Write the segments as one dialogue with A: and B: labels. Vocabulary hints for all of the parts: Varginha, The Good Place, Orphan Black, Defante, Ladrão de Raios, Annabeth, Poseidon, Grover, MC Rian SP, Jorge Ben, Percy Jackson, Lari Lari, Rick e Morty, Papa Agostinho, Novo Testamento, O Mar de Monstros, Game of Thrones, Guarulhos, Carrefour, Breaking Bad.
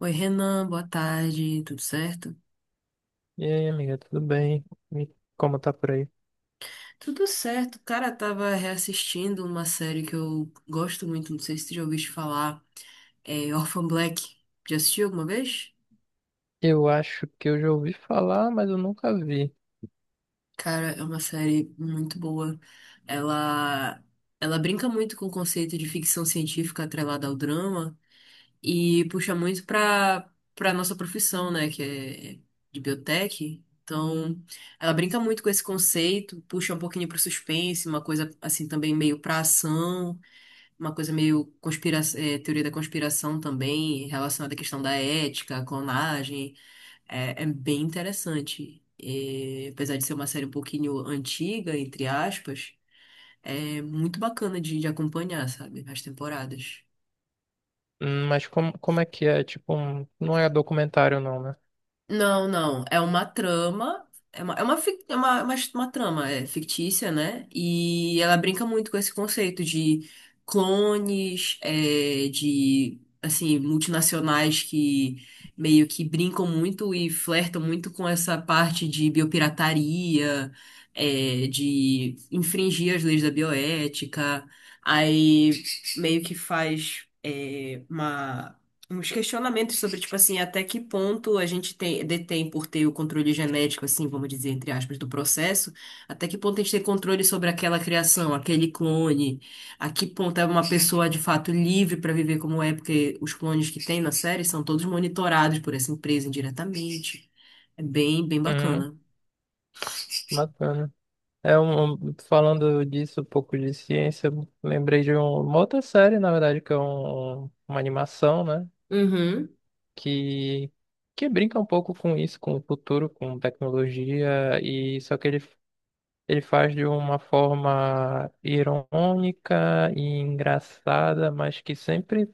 A: Oi, Renan, boa tarde, tudo certo?
B: E aí, amiga, tudo bem? E como tá por aí?
A: Tudo certo, cara, tava reassistindo uma série que eu gosto muito, não sei se tu já ouviste falar, é Orphan Black. Já assistiu alguma vez?
B: Eu acho que eu já ouvi falar, mas eu nunca vi.
A: Cara, é uma série muito boa. Ela, ela brinca muito com o conceito de ficção científica atrelada ao drama. E puxa muito para nossa profissão, né, que é de biotech. Então, ela brinca muito com esse conceito, puxa um pouquinho para o suspense, uma coisa assim também meio para ação, uma coisa meio conspira teoria da conspiração também, relacionada à questão da ética, à clonagem. É, é bem interessante. E, apesar de ser uma série um pouquinho antiga, entre aspas, é muito bacana de acompanhar, sabe, as temporadas.
B: Mas como é que é? Tipo, um, não é documentário não, né?
A: Não, não. É uma trama. É uma, fic- é uma trama é, fictícia, né? E ela brinca muito com esse conceito de clones, é, de, assim, multinacionais que meio que brincam muito e flertam muito com essa parte de biopirataria, é, de infringir as leis da bioética. Aí meio que faz, é, uma uns questionamentos sobre, tipo assim, até que ponto a gente tem, detém por ter o controle genético, assim, vamos dizer, entre aspas, do processo, até que ponto a gente tem controle sobre aquela criação, aquele clone, a que ponto é uma pessoa de fato livre para viver como é, porque os clones que tem na série são todos monitorados por essa empresa indiretamente. É bem, bem
B: Uhum,
A: bacana.
B: bacana. É falando disso, um pouco de ciência, eu lembrei de uma outra série, na verdade, que é uma animação, né?
A: Uhum.
B: Que, que brinca um pouco com isso, com o futuro, com tecnologia, e só que ele faz de uma forma irônica e engraçada, mas que sempre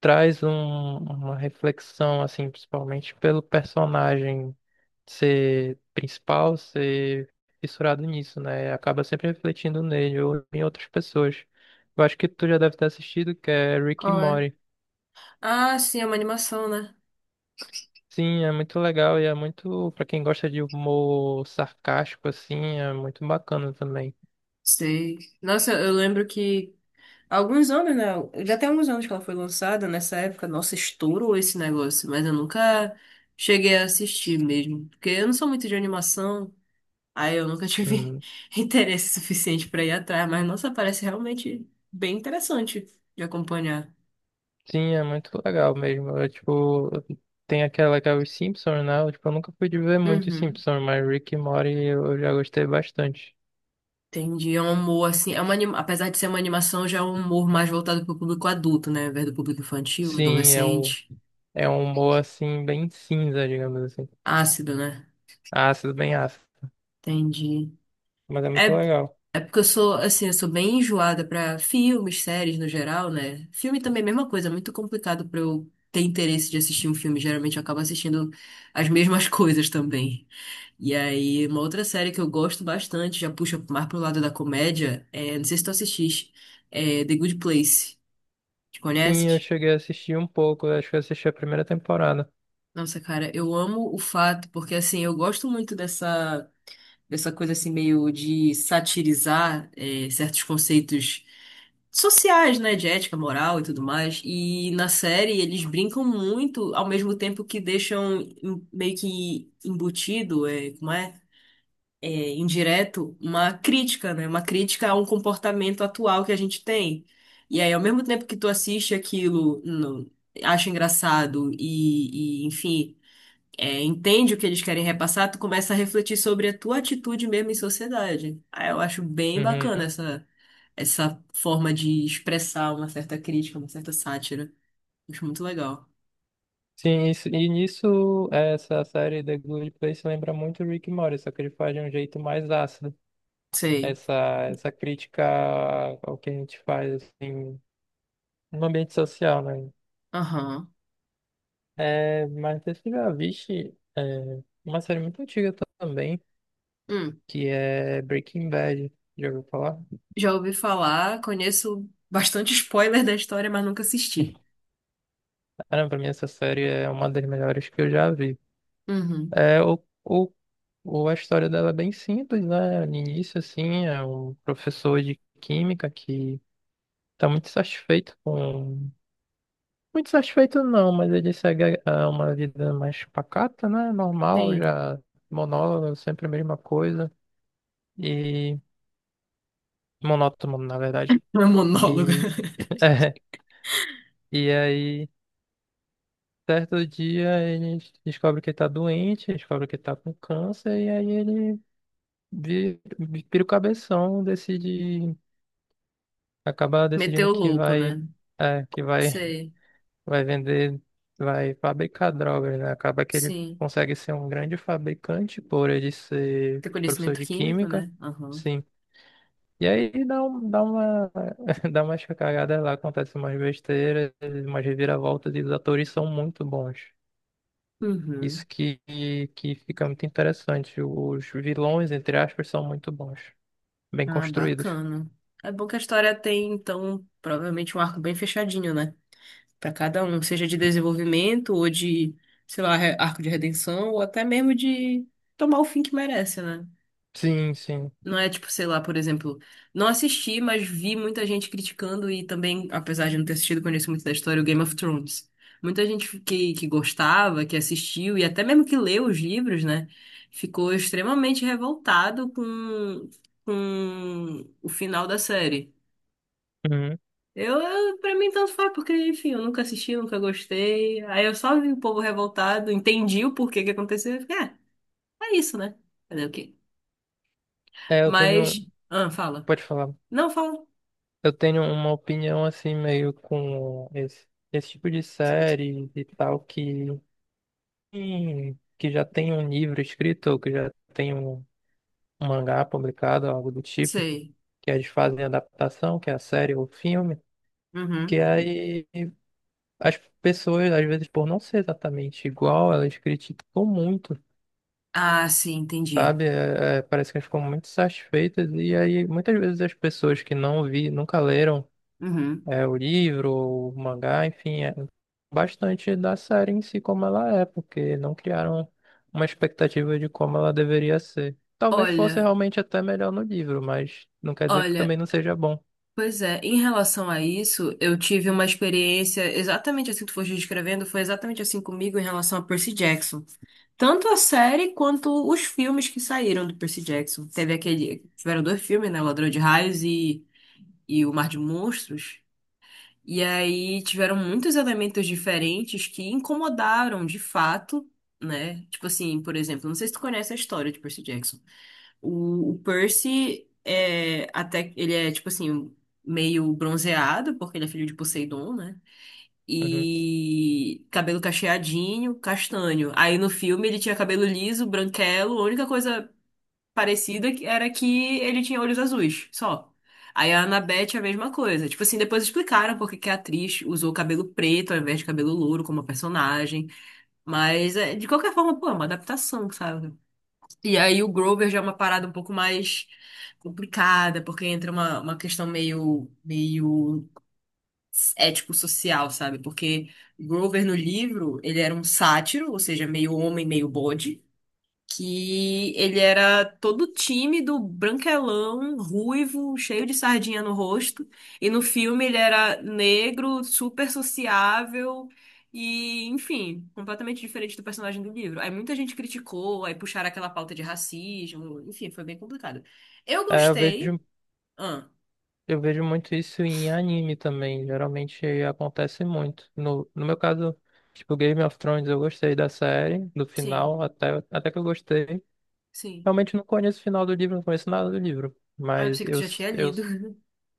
B: traz uma reflexão, assim, principalmente pelo personagem ser principal, ser fissurado nisso, né? Acaba sempre refletindo nele ou em outras pessoas. Eu acho que tu já deve ter assistido, que é Rick e
A: Qual é?
B: Morty.
A: Ah, sim, é uma animação, né?
B: Sim, é muito legal e é muito, pra quem gosta de humor sarcástico, assim, é muito bacana também.
A: Sei. Nossa, eu lembro que há alguns anos, né? Já tem alguns anos que ela foi lançada, nessa época, nossa, estourou esse negócio, mas eu nunca cheguei a assistir mesmo, porque eu não sou muito de animação, aí eu nunca tive
B: Hum.
A: interesse suficiente pra ir atrás, mas nossa, parece realmente bem interessante de acompanhar.
B: Sim, é muito legal mesmo. É, tipo, tem aquela que é os Simpsons, né? Eu, tipo, eu nunca fui de ver muito
A: Uhum.
B: Simpsons, mas Rick e Morty eu já gostei bastante.
A: Entendi, é um humor assim, é uma, apesar de ser uma animação, já é um humor mais voltado pro público adulto, né, ao invés do público infantil,
B: Sim, é
A: adolescente,
B: é um humor assim, bem cinza, digamos assim.
A: ácido, né?
B: Ácido, bem ácido.
A: Entendi.
B: Mas é muito
A: É,
B: legal.
A: é porque eu sou, assim, eu sou bem enjoada pra filmes, séries no geral, né? Filme também é a mesma coisa, é muito complicado pra eu ter interesse de assistir um filme. Geralmente eu acabo assistindo as mesmas coisas também. E aí, uma outra série que eu gosto bastante, já puxa mais pro lado da comédia, é, não sei se tu assististe, é The Good Place. Te
B: Sim, eu
A: conheces?
B: cheguei a assistir um pouco, acho que eu assisti a primeira temporada.
A: Nossa, cara, eu amo o fato, porque assim, eu gosto muito dessa. Essa coisa assim meio de satirizar certos conceitos sociais, né, de ética, moral e tudo mais. E na série eles brincam muito, ao mesmo tempo que deixam meio que embutido, é, como é? É, indireto, uma crítica, né? Uma crítica a um comportamento atual que a gente tem. E aí, ao mesmo tempo que tu assiste aquilo, acha engraçado e, enfim é, entende o que eles querem repassar, tu começa a refletir sobre a tua atitude mesmo em sociedade. Aí eu acho bem bacana
B: Uhum.
A: essa, essa forma de expressar uma certa crítica, uma certa sátira. Acho muito legal.
B: Sim, isso, e nisso, essa série The Good Place lembra muito Rick e Morty, só que ele faz de um jeito mais ácido
A: Sei.
B: essa, essa crítica ao que a gente faz, assim, no ambiente social, né?
A: Aham.
B: É, mas você já viste uma série muito antiga também,
A: Hum.
B: que é Breaking Bad. Já ouviu falar?
A: Já ouvi falar, conheço bastante spoiler da história, mas nunca assisti.
B: Cara, pra mim essa série é uma das melhores que eu já vi.
A: Uhum.
B: É, a história dela é bem simples, né? No início, assim, é um professor de química que tá muito satisfeito com... Muito satisfeito não, mas ele segue uma vida mais pacata, né? Normal,
A: Sim.
B: já monólogo, sempre a mesma coisa. E monótono, na verdade.
A: Não é um monólogo.
B: E, é, e aí, certo dia, ele descobre que ele tá doente, descobre que ele tá com câncer, e aí ele vira o cabeção, decide, acaba
A: Meteu
B: decidindo
A: o
B: que
A: louco,
B: vai,
A: né?
B: que vai,
A: Sei.
B: vai vender, vai fabricar drogas, né? Acaba que ele
A: Sim.
B: consegue ser um grande fabricante por ele ser
A: Tem
B: professor
A: conhecimento
B: de
A: químico,
B: química.
A: né? Aham.
B: Sim. E aí dá uma dá umas cagadas lá, acontece umas besteiras, umas reviravoltas e os atores são muito bons.
A: Uhum.
B: Isso que fica muito interessante. Os vilões, entre aspas, são muito bons, bem
A: Ah,
B: construídos.
A: bacana. É bom que a história tem, então, provavelmente um arco bem fechadinho, né? Pra cada um, seja de desenvolvimento ou de, sei lá, arco de redenção, ou até mesmo de tomar o fim que merece, né?
B: Sim, sim.
A: Não é tipo, sei lá, por exemplo, não assisti, mas vi muita gente criticando e também, apesar de não ter assistido, conheço muito da história, o Game of Thrones. Muita gente que gostava, que assistiu e até mesmo que leu os livros, né, ficou extremamente revoltado com o final da série.
B: Uhum.
A: Eu, pra mim, tanto faz, porque, enfim, eu nunca assisti, nunca gostei. Aí eu só vi o povo revoltado, entendi o porquê que aconteceu e fiquei, é, é isso, né? Fazer o quê?
B: É, eu tenho,
A: Mas, ah, fala.
B: pode falar.
A: Não, fala.
B: Eu tenho uma opinião assim meio com esse tipo de série e tal que já tem um livro escrito ou que já tem um mangá publicado, algo do tipo.
A: Sei.
B: Que eles fazem adaptação, que é a série ou o filme,
A: Uhum.
B: que aí as pessoas, às vezes, por não ser exatamente igual, elas criticam muito,
A: Ah, sim, entendi.
B: sabe? Parece que elas ficam muito satisfeitas, e aí muitas vezes as pessoas que não vi, nunca leram
A: Uhum.
B: o livro, ou o mangá, enfim, é bastante da série em si como ela é, porque não criaram uma expectativa de como ela deveria ser. Talvez fosse
A: Olha,
B: realmente até melhor no livro, mas não quer dizer que
A: olha,
B: também não seja bom.
A: pois é, em relação a isso, eu tive uma experiência exatamente assim que tu foste descrevendo, foi exatamente assim comigo em relação a Percy Jackson. Tanto a série quanto os filmes que saíram do Percy Jackson. Teve aquele, tiveram dois filmes, né, Ladrão de Raios e O Mar de Monstros. E aí tiveram muitos elementos diferentes que incomodaram de fato, né? Tipo assim, por exemplo, não sei se tu conhece a história de Percy Jackson. O Percy é até ele é tipo assim meio bronzeado porque ele é filho de Poseidon, né?
B: Uhum.
A: E cabelo cacheadinho, castanho. Aí no filme ele tinha cabelo liso, branquelo. A única coisa parecida era que ele tinha olhos azuis, só. Aí a Annabeth é a mesma coisa. Tipo assim, depois explicaram porque que a atriz usou cabelo preto ao invés de cabelo louro como personagem. Mas é, de qualquer forma, pô, é uma adaptação, sabe? E aí o Grover já é uma parada um pouco mais complicada, porque entra uma questão meio ético-social, sabe? Porque o Grover no livro, ele era um sátiro, ou seja, meio homem, meio bode que ele era todo tímido, branquelão, ruivo, cheio de sardinha no rosto. E no filme ele era negro, super sociável e, enfim, completamente diferente do personagem do livro. Aí muita gente criticou, aí puxaram aquela pauta de racismo, enfim, foi bem complicado. Eu
B: É, eu
A: gostei.
B: vejo
A: Ah,
B: Eu vejo muito isso em anime também. Geralmente acontece muito. No meu caso, tipo Game of Thrones, eu gostei da série, do
A: sim,
B: final, até que eu gostei.
A: sim.
B: Realmente não conheço o final do livro, não conheço nada do livro.
A: Ah, eu pensei que tu já tinha lido.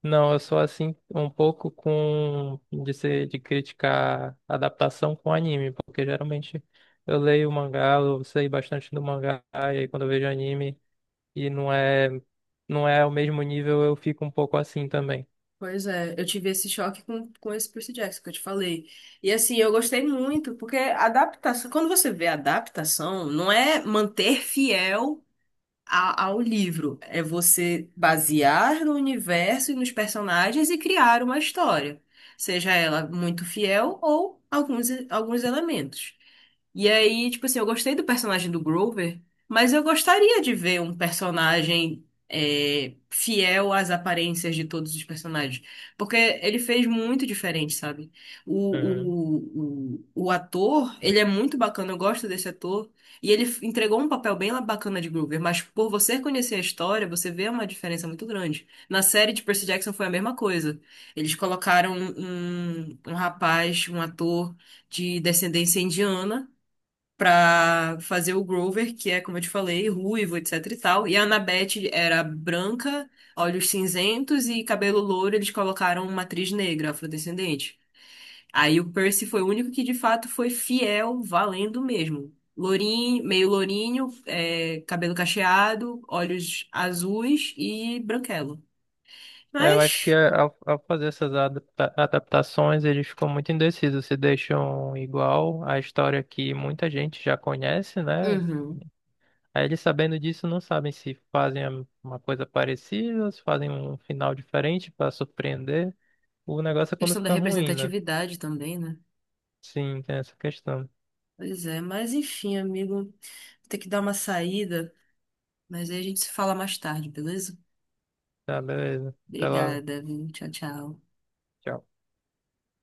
B: Não, eu sou assim um pouco com de ser, de criticar adaptação com anime, porque geralmente eu leio o mangá, eu sei bastante do mangá, e aí quando eu vejo anime e não é o mesmo nível, eu fico um pouco assim também.
A: Pois é, eu tive esse choque com esse Percy Jackson que eu te falei. E assim, eu gostei muito, porque adaptação, quando você vê adaptação, não é manter fiel ao livro, é você basear no universo e nos personagens e criar uma história, seja ela muito fiel ou alguns, alguns elementos. E aí, tipo assim, eu gostei do personagem do Grover, mas eu gostaria de ver um personagem é, fiel às aparências de todos os personagens. Porque ele fez muito diferente, sabe? O, o ator, ele é muito bacana, eu gosto desse ator. E ele entregou um papel bem bacana de Grover, mas por você conhecer a história, você vê uma diferença muito grande. Na série de Percy Jackson foi a mesma coisa. Eles colocaram um, um rapaz, um ator de descendência indiana pra fazer o Grover, que é, como eu te falei, ruivo, etc e tal. E a Annabeth era branca, olhos cinzentos e cabelo louro, eles colocaram uma atriz negra, afrodescendente. Aí o Percy foi o único que de fato foi fiel, valendo mesmo. Lourinho, meio lourinho, é, cabelo cacheado, olhos azuis e branquelo.
B: É, eu acho que
A: Mas,
B: ao fazer essas adaptações, eles ficam muito indecisos, se deixam igual a história que muita gente já conhece, né?
A: uhum,
B: Aí eles sabendo disso não sabem se fazem uma coisa parecida, se fazem um final diferente para surpreender. O negócio é quando
A: questão da
B: fica ruim, né?
A: representatividade também, né?
B: Sim, tem essa questão.
A: Pois é, mas enfim, amigo, vou ter que dar uma saída. Mas aí a gente se fala mais tarde, beleza?
B: Tá, beleza. Até logo.
A: Obrigada, viu? Tchau, tchau.
B: Tchau.